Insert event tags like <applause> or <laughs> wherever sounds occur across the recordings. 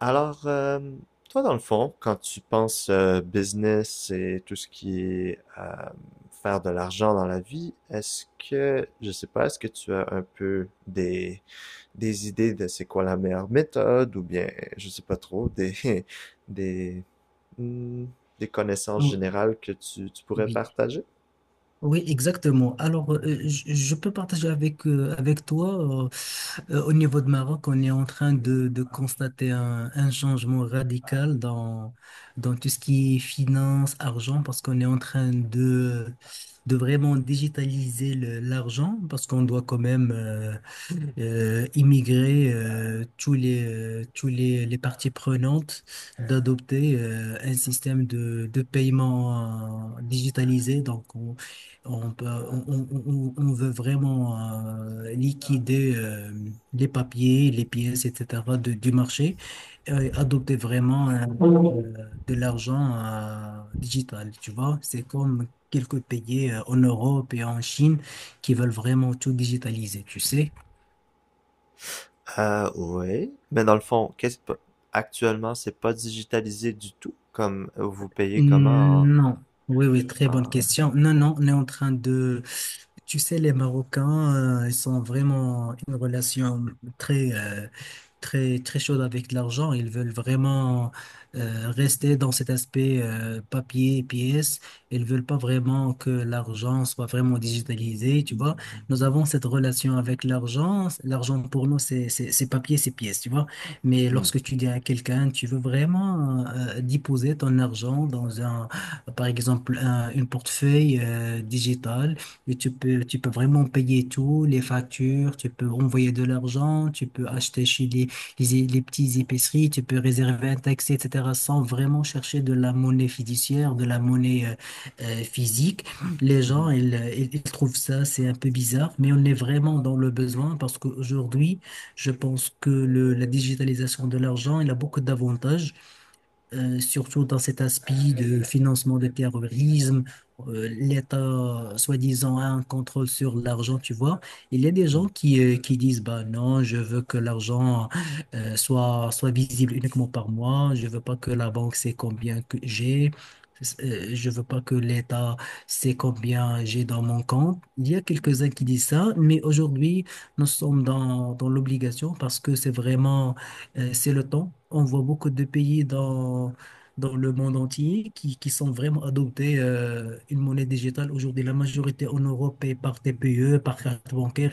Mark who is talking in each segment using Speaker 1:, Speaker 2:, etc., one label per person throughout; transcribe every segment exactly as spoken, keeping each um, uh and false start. Speaker 1: Alors, euh, toi, dans le fond, quand tu penses euh, business et tout ce qui est euh, faire de l'argent dans la vie, est-ce que, je sais pas, est-ce que tu as un peu des, des idées de c'est quoi la meilleure méthode ou bien, je sais pas trop, des, <laughs> des, hmm, des connaissances
Speaker 2: Oh,
Speaker 1: générales que tu, tu pourrais
Speaker 2: oui,
Speaker 1: partager?
Speaker 2: oui, exactement. Alors, euh, je, je peux partager avec, euh, avec toi, euh, euh, au niveau de Maroc, on est en train de, de constater un, un changement radical dans, dans tout ce qui est finance, argent, parce qu'on est en train de, de vraiment digitaliser le- l'argent, parce qu'on doit quand même euh, euh, immigrer euh, tous les, euh, tous les, les parties prenantes d'adopter euh, un système de, de paiement euh, digitalisé. Donc, on, on, peut- on, on- on- on veut vraiment euh, liquider euh, les papiers, les pièces, et cetera de- du marché et adopter vraiment euh, euh, de l'argent euh, digital. Tu vois, c'est comme quelques pays euh, en Europe et en Chine qui veulent vraiment tout digitaliser, tu sais.
Speaker 1: Ah, oui. Mais dans le fond, qu'est-ce pas- actuellement, c'est pas digitalisé du tout, comme vous payez comment
Speaker 2: Non. Oui, oui, très
Speaker 1: en,
Speaker 2: bonne
Speaker 1: en...
Speaker 2: question. Non, non, on est en train de. Tu sais, les Marocains, euh, ils sont vraiment une relation très, euh, très, très chaude avec l'argent. Ils veulent vraiment euh, rester dans cet aspect euh, papier, pièce. Ils veulent pas vraiment que l'argent soit vraiment digitalisé, tu vois. Nous avons cette relation avec l'argent. L'argent pour nous, c'est c'est- c'est papier, c'est pièce, tu vois. Mais
Speaker 1: Hmm.
Speaker 2: lorsque tu dis à quelqu'un, tu veux vraiment euh, déposer ton argent dans un, par exemple, un, une portefeuille euh, digitale, et tu peux, tu peux vraiment payer tout, les factures, tu peux envoyer de l'argent, tu peux acheter chez les, les, les petites épiceries, tu peux réserver un taxi, et cetera, sans vraiment chercher de la monnaie fiduciaire, de la monnaie euh, euh, physique. Les gens,
Speaker 1: Mhm.
Speaker 2: ils, ils ils trouvent ça, c'est un peu bizarre, mais on est vraiment dans le besoin parce qu'aujourd'hui, je pense que le- la digitalisation de l'argent, il a beaucoup d'avantages euh, surtout dans cet aspect de financement de terrorisme. euh, L'État, soi-disant, a un contrôle sur l'argent, tu vois. Il y a des
Speaker 1: Hmm.
Speaker 2: gens qui, euh, qui disent, bah non, je veux que l'argent euh, soit, soit visible uniquement par moi, je veux pas que la banque sait combien que j'ai. euh, Je veux pas que l'État sait combien j'ai dans mon compte. Il y a quelques-uns qui disent ça, mais aujourd'hui, nous sommes dans, dans l'obligation parce que c'est vraiment euh, c'est le temps. On voit beaucoup de pays dans, dans le monde entier qui, qui sont vraiment adoptés euh, une monnaie digitale. Aujourd'hui, la majorité en Europe paye par T P E, par carte bancaire.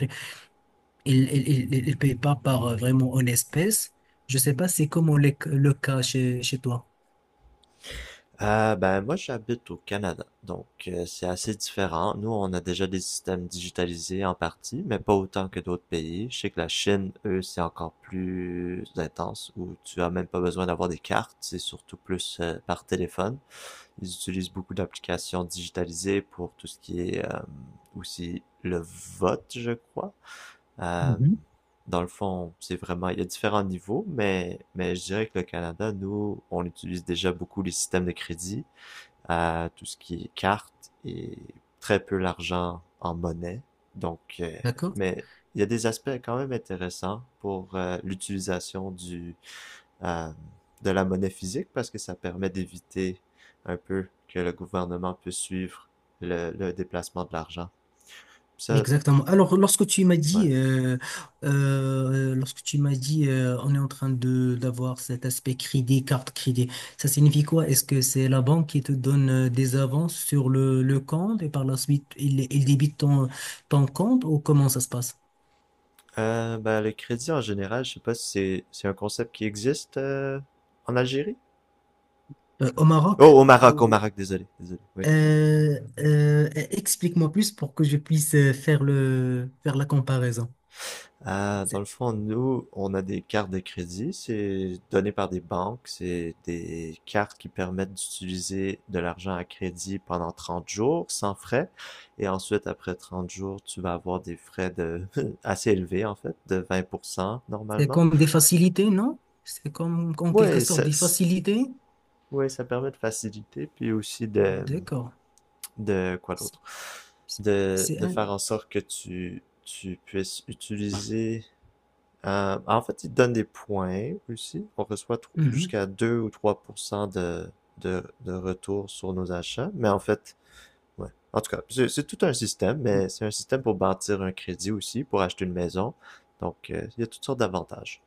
Speaker 2: Ils ne payent pas par euh, vraiment en espèces. Je ne sais pas, c'est comment le, le cas chez, chez toi.
Speaker 1: Euh, ben moi j'habite au Canada, donc euh, c'est assez différent. Nous on a déjà des systèmes digitalisés en partie, mais pas autant que d'autres pays. Je sais que la Chine, eux, c'est encore plus intense, où tu as même pas besoin d'avoir des cartes, c'est surtout plus euh, par téléphone. Ils utilisent beaucoup d'applications digitalisées pour tout ce qui est euh, aussi le vote, je crois. Euh,
Speaker 2: Mhm.
Speaker 1: Dans le fond, c'est vraiment, il y a différents niveaux, mais, mais je dirais que le Canada, nous, on utilise déjà beaucoup les systèmes de crédit à tout ce qui est cartes et très peu l'argent en monnaie. Donc, euh,
Speaker 2: D'accord?
Speaker 1: mais il y a des aspects quand même intéressants pour euh, l'utilisation du euh, de la monnaie physique parce que ça permet d'éviter un peu que le gouvernement puisse suivre le, le déplacement de l'argent. Ça,
Speaker 2: Exactement. Alors, lorsque tu m'as dit,
Speaker 1: ouais.
Speaker 2: euh, euh, lorsque tu m'as dit, euh, on est en train de d'avoir cet aspect crédit, carte crédit, ça signifie quoi? Est-ce que c'est la banque qui te donne euh, des avances sur le, le compte et par la suite, il, il débite ton, ton compte ou comment ça se passe?
Speaker 1: Euh, ben, le crédit en général, je sais pas si c'est c'est un concept qui existe euh, en Algérie.
Speaker 2: Euh, au Maroc?
Speaker 1: Oh, au Maroc, au
Speaker 2: Ou-
Speaker 1: Maroc, désolé, désolé. Oui.
Speaker 2: Euh, euh, explique-moi plus pour que je puisse euh, faire le, faire la comparaison.
Speaker 1: Ah, dans
Speaker 2: C'est
Speaker 1: le fond, nous, on a des cartes de crédit, c'est donné par des banques, c'est des cartes qui permettent d'utiliser de l'argent à crédit pendant trente jours sans frais. Et ensuite, après trente jours, tu vas avoir des frais de <laughs> assez élevés, en fait, de vingt pour cent
Speaker 2: c'est
Speaker 1: normalement.
Speaker 2: comme des facilités, non? C'est comme, en quelque
Speaker 1: Ouais,
Speaker 2: sorte
Speaker 1: ça,
Speaker 2: des
Speaker 1: c-
Speaker 2: facilités?
Speaker 1: ouais, ça permet de faciliter, puis aussi de,
Speaker 2: D'accord.
Speaker 1: de quoi
Speaker 2: C'est
Speaker 1: d'autre? De,
Speaker 2: c'est
Speaker 1: de
Speaker 2: un...
Speaker 1: faire en sorte que tu, tu puisses utiliser. Euh, en fait, il donne des points aussi. On reçoit tro-
Speaker 2: Mhm.
Speaker 1: jusqu'à deux ou trois pour cent de, de, de retour sur nos achats. Mais en fait, ouais. En tout cas, c'est c'est tout un système, mais c'est un système pour bâtir un crédit aussi, pour acheter une maison. Donc, euh, il y a toutes sortes d'avantages.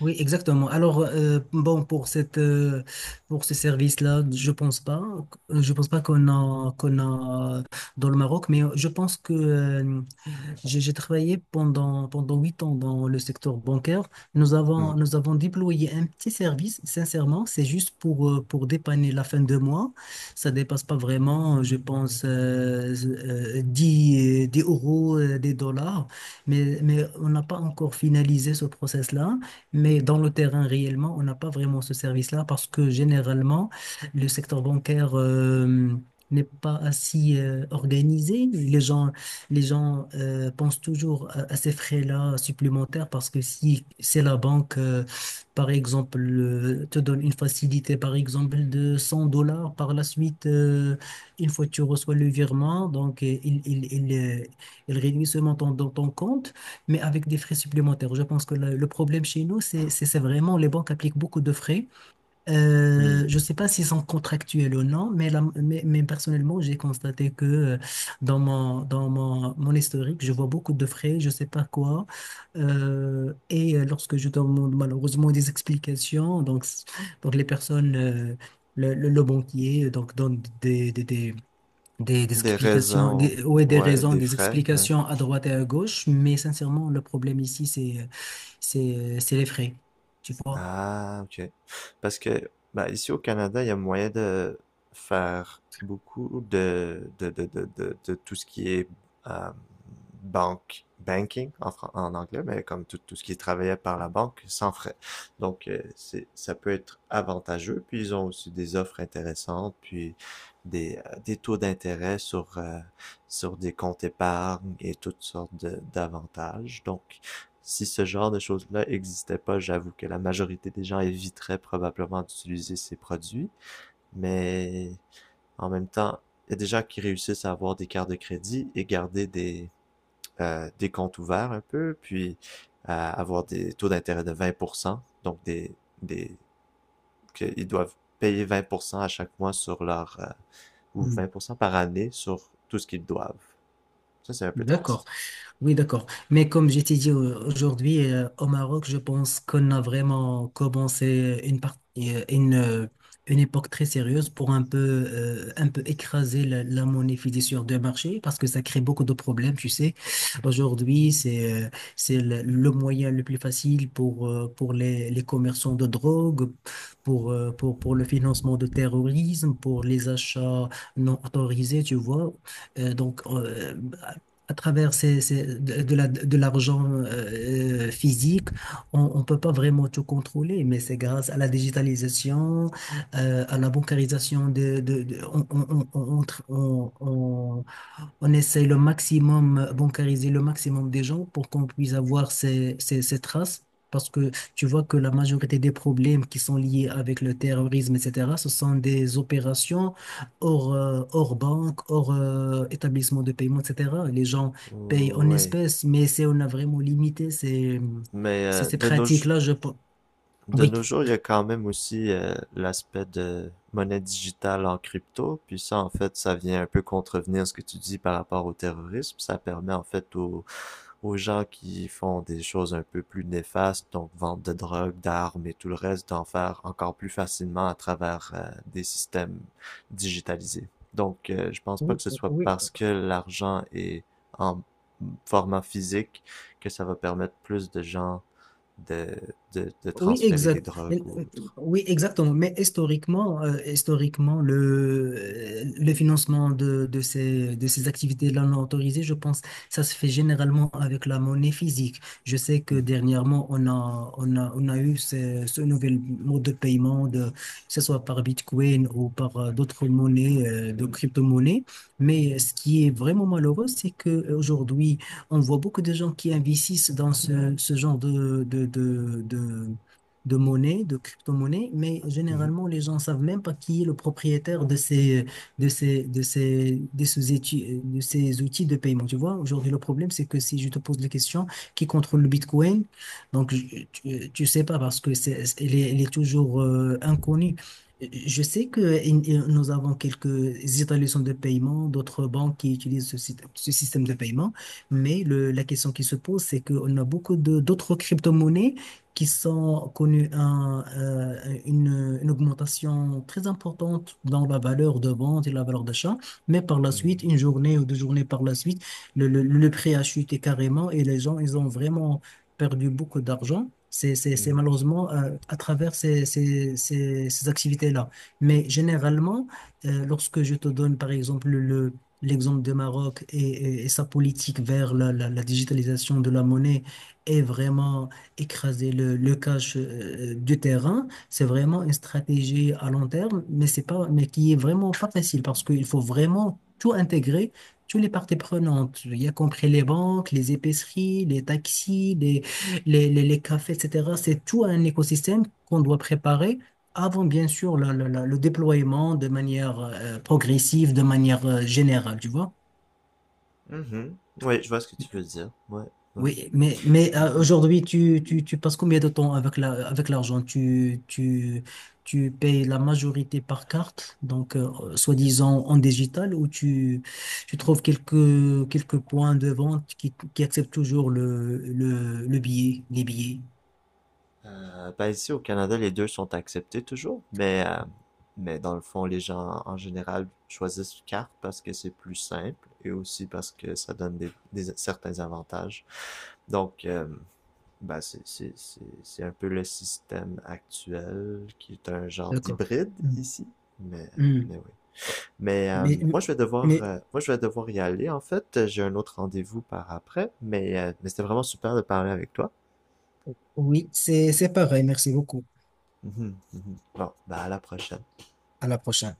Speaker 2: Oui, exactement. Alors, euh, bon, pour cette, euh, pour ce service-là, je pense pas, je pense pas qu'on a, qu'on a dans le Maroc, mais je pense que euh, J'ai j'ai travaillé pendant, pendant huit ans dans le secteur bancaire. Nous
Speaker 1: Mhm.
Speaker 2: avons, nous avons déployé un petit service, sincèrement, c'est juste pour, euh, pour dépanner la fin de mois. Ça dépasse pas vraiment, euh, je pense, euh, euh, dix, euh, dix euros, euh, des dollars. Mais, mais on n'a pas encore finalisé ce process-là. Mais dans le terrain, réellement, on n'a pas vraiment ce service-là parce que généralement, le secteur bancaire... euh, n'est pas assez euh, organisé. Les gens, les gens euh, pensent toujours à, à ces frais-là supplémentaires parce que si c'est la banque, euh, par exemple, euh, te donne une facilité, par exemple, de cent dollars, par la suite, euh, une fois que tu reçois le virement, donc euh, il, il, il, euh, il réduit ce montant dans ton compte, mais avec des frais supplémentaires. Je pense que le, le problème chez nous, c'est, c'est c'est vraiment les banques appliquent beaucoup de frais euh, je ne
Speaker 1: Mhm.
Speaker 2: sais pas s'ils sont contractuels ou non, mais, la- mais, mais personnellement, j'ai constaté que euh, dans mon, dans mon, mon historique, je vois beaucoup de frais, je ne sais pas quoi. Euh, et euh, lorsque je demande malheureusement des explications, donc, s- donc les personnes, euh, le, le, le banquier, euh, donc donne des, des, des, des, des
Speaker 1: Des
Speaker 2: explications,
Speaker 1: raisons,
Speaker 2: des, ouais, des
Speaker 1: ouais,
Speaker 2: raisons,
Speaker 1: des
Speaker 2: des
Speaker 1: frais, ouais.
Speaker 2: explications à droite et à gauche, mais sincèrement, le problème ici, c'est, c'est, c'est les frais, tu vois.
Speaker 1: Ah, ok. Parce que bah, ici au Canada, il y a moyen de faire beaucoup de, de, de, de, de, de tout ce qui est euh, banque, banking en, fran- en anglais, mais comme tout, tout ce qui est travaillé par la banque sans frais. Donc, euh, c'est, ça peut être avantageux. Puis, ils ont aussi des offres intéressantes, puis des, euh, des taux d'intérêt sur, euh, sur des comptes épargne et toutes sortes de- d'avantages. Donc, si ce genre de choses-là n'existait pas, j'avoue que la majorité des gens éviteraient probablement d'utiliser ces produits, mais en même temps, il y a des gens qui réussissent à avoir des cartes de crédit et garder des, euh, des comptes ouverts un peu, puis euh, avoir des taux d'intérêt de vingt pour cent, donc des, des qu'ils doivent payer vingt pour cent à chaque mois sur leur, euh, ou vingt pour cent par année sur tout ce qu'ils doivent. Ça, c'est un peu
Speaker 2: D'accord.
Speaker 1: triste.
Speaker 2: Oui, d'accord. Mais comme je t'ai dit euh, aujourd'hui, euh, au Maroc, je pense qu'on a vraiment commencé une partie, euh, une, euh, une époque très sérieuse pour un peu, euh, un peu écraser la, la monnaie fiduciaire de marché parce que ça crée beaucoup de problèmes, tu sais. Aujourd'hui, c'est, euh, c'est le, le moyen le plus facile pour, euh, pour les, les commerçants de drogue, pour, euh, pour, pour le financement de terrorisme, pour les achats non autorisés, tu vois. Euh, donc, euh, à travers ces, ces- de, de la, de l'argent euh, euh, physique, on ne peut pas vraiment tout contrôler, mais c'est grâce à la digitalisation, euh, à la bancarisation, de, de, de- on, on, on, on- on- on- on essaye le maximum, euh, bancariser le maximum des gens pour qu'on puisse avoir ces, ces, ces traces. Parce que tu vois que la majorité des problèmes qui sont liés avec le terrorisme, et cetera, ce sont des opérations hors, euh, hors banque, hors euh, établissement de paiement, et cetera. Les gens payent en
Speaker 1: Oui.
Speaker 2: espèces, mais c'est on a vraiment limité ces,
Speaker 1: Mais
Speaker 2: ces,
Speaker 1: euh,
Speaker 2: ces
Speaker 1: de nos
Speaker 2: pratiques-là, je... pe-
Speaker 1: De
Speaker 2: oui.
Speaker 1: nos jours, il y a quand même aussi euh, l'aspect de monnaie digitale en crypto. Puis ça, en fait, ça vient un peu contrevenir ce que tu dis par rapport au terrorisme. Ça permet en fait aux, aux gens qui font des choses un peu plus néfastes, donc vente de drogue, d'armes et tout le reste, d'en faire encore plus facilement à travers euh, des systèmes digitalisés. Donc, euh, je pense pas
Speaker 2: Oui,
Speaker 1: que ce soit
Speaker 2: oui,
Speaker 1: parce que l'argent est en format physique que ça va permettre plus de gens de, de, de
Speaker 2: oui,
Speaker 1: transférer des
Speaker 2: exact.
Speaker 1: drogues ou autre.
Speaker 2: Oui, exactement. Mais historiquement, euh, historiquement, le, euh, le financement de, de ces, de ces activités-là non autorisées, je pense, ça se fait généralement avec la monnaie physique. Je sais que
Speaker 1: Mhm.
Speaker 2: dernièrement, on a, on a, on a eu ce, ce nouvel mode de paiement, de, que ce soit par Bitcoin ou par euh, d'autres monnaies, euh, de crypto-monnaies. Mais ce qui est vraiment malheureux, c'est qu'aujourd'hui, on voit beaucoup de gens qui investissent dans ce, ce genre de, de, de, de- de monnaie, de crypto-monnaie, mais
Speaker 1: Mhm.
Speaker 2: généralement, les gens ne savent même pas qui est le propriétaire de ces, de ces, de ces, de ces outils, de ces outils de paiement. Tu vois, aujourd'hui, le problème, c'est que si je te pose la question, qui contrôle le Bitcoin? Donc, je- tu, tu sais pas parce que c'est, c'est- il est, il est toujours euh, inconnu. Je sais que in- nous avons quelques établissements de paiement, d'autres banques qui utilisent ce, syst- ce système de paiement, mais le- la question qui se pose, c'est qu'on a beaucoup de- d'autres crypto-monnaies qui sont connus un, euh, une, une augmentation très importante dans la valeur de vente et la valeur d'achat, mais par la
Speaker 1: Mhm.
Speaker 2: suite, une journée ou deux journées par la suite, le, le, le prix a chuté carrément et les gens, ils ont vraiment perdu beaucoup d'argent. C'est c'est- c'est malheureusement euh, à travers ces, ces, ces, ces activités-là. Mais généralement, euh, lorsque je te donne, par exemple, le, l'exemple de Maroc et, et- et sa politique vers la, la la digitalisation de la monnaie est vraiment écraser le, le cash euh, du terrain. C'est vraiment une stratégie à long terme, mais c'est pas, mais qui est vraiment pas facile parce qu'il faut vraiment tout intégrer, tous les parties prenantes, y a compris les banques, les épiceries, les taxis, les, les, les, les cafés, et cetera. C'est tout un écosystème qu'on doit préparer. Avant, bien sûr, la- la- la- le déploiement de manière euh, progressive, de manière euh, générale, tu vois.
Speaker 1: Mhm. Oui, je vois ce que tu veux dire. Ouais, ouais.
Speaker 2: Oui, mais, mais euh,
Speaker 1: Mhm.
Speaker 2: aujourd'hui, tu, tu, tu passes combien de temps avec la, avec l'argent? Tu, tu, tu payes la majorité par carte, donc euh, soi-disant en digital, ou tu, tu trouves quelques, quelques points de vente qui, qui acceptent toujours le, le, le billet, les billets?
Speaker 1: Euh, ben ici au Canada, les deux sont acceptés toujours, mais, euh, mais dans le fond, les gens en général choisissent carte parce que c'est plus simple et aussi parce que ça donne des, des- certains avantages. Donc, euh, ben c'est c'est- c'est- c'est un peu le système actuel qui est un genre
Speaker 2: D'accord.
Speaker 1: d'hybride
Speaker 2: Mm.
Speaker 1: ici, mais,
Speaker 2: Mm.
Speaker 1: mais oui. Mais euh,
Speaker 2: Mais,
Speaker 1: moi, je vais devoir,
Speaker 2: mais
Speaker 1: euh, moi, je vais devoir y aller en fait. J'ai un autre rendez-vous par après, mais, euh, mais c'était vraiment super de parler avec toi. <laughs>
Speaker 2: oui, c'est c'est pareil. Merci beaucoup.
Speaker 1: Mhm, mhm. Bon, bah à la prochaine.
Speaker 2: À la prochaine.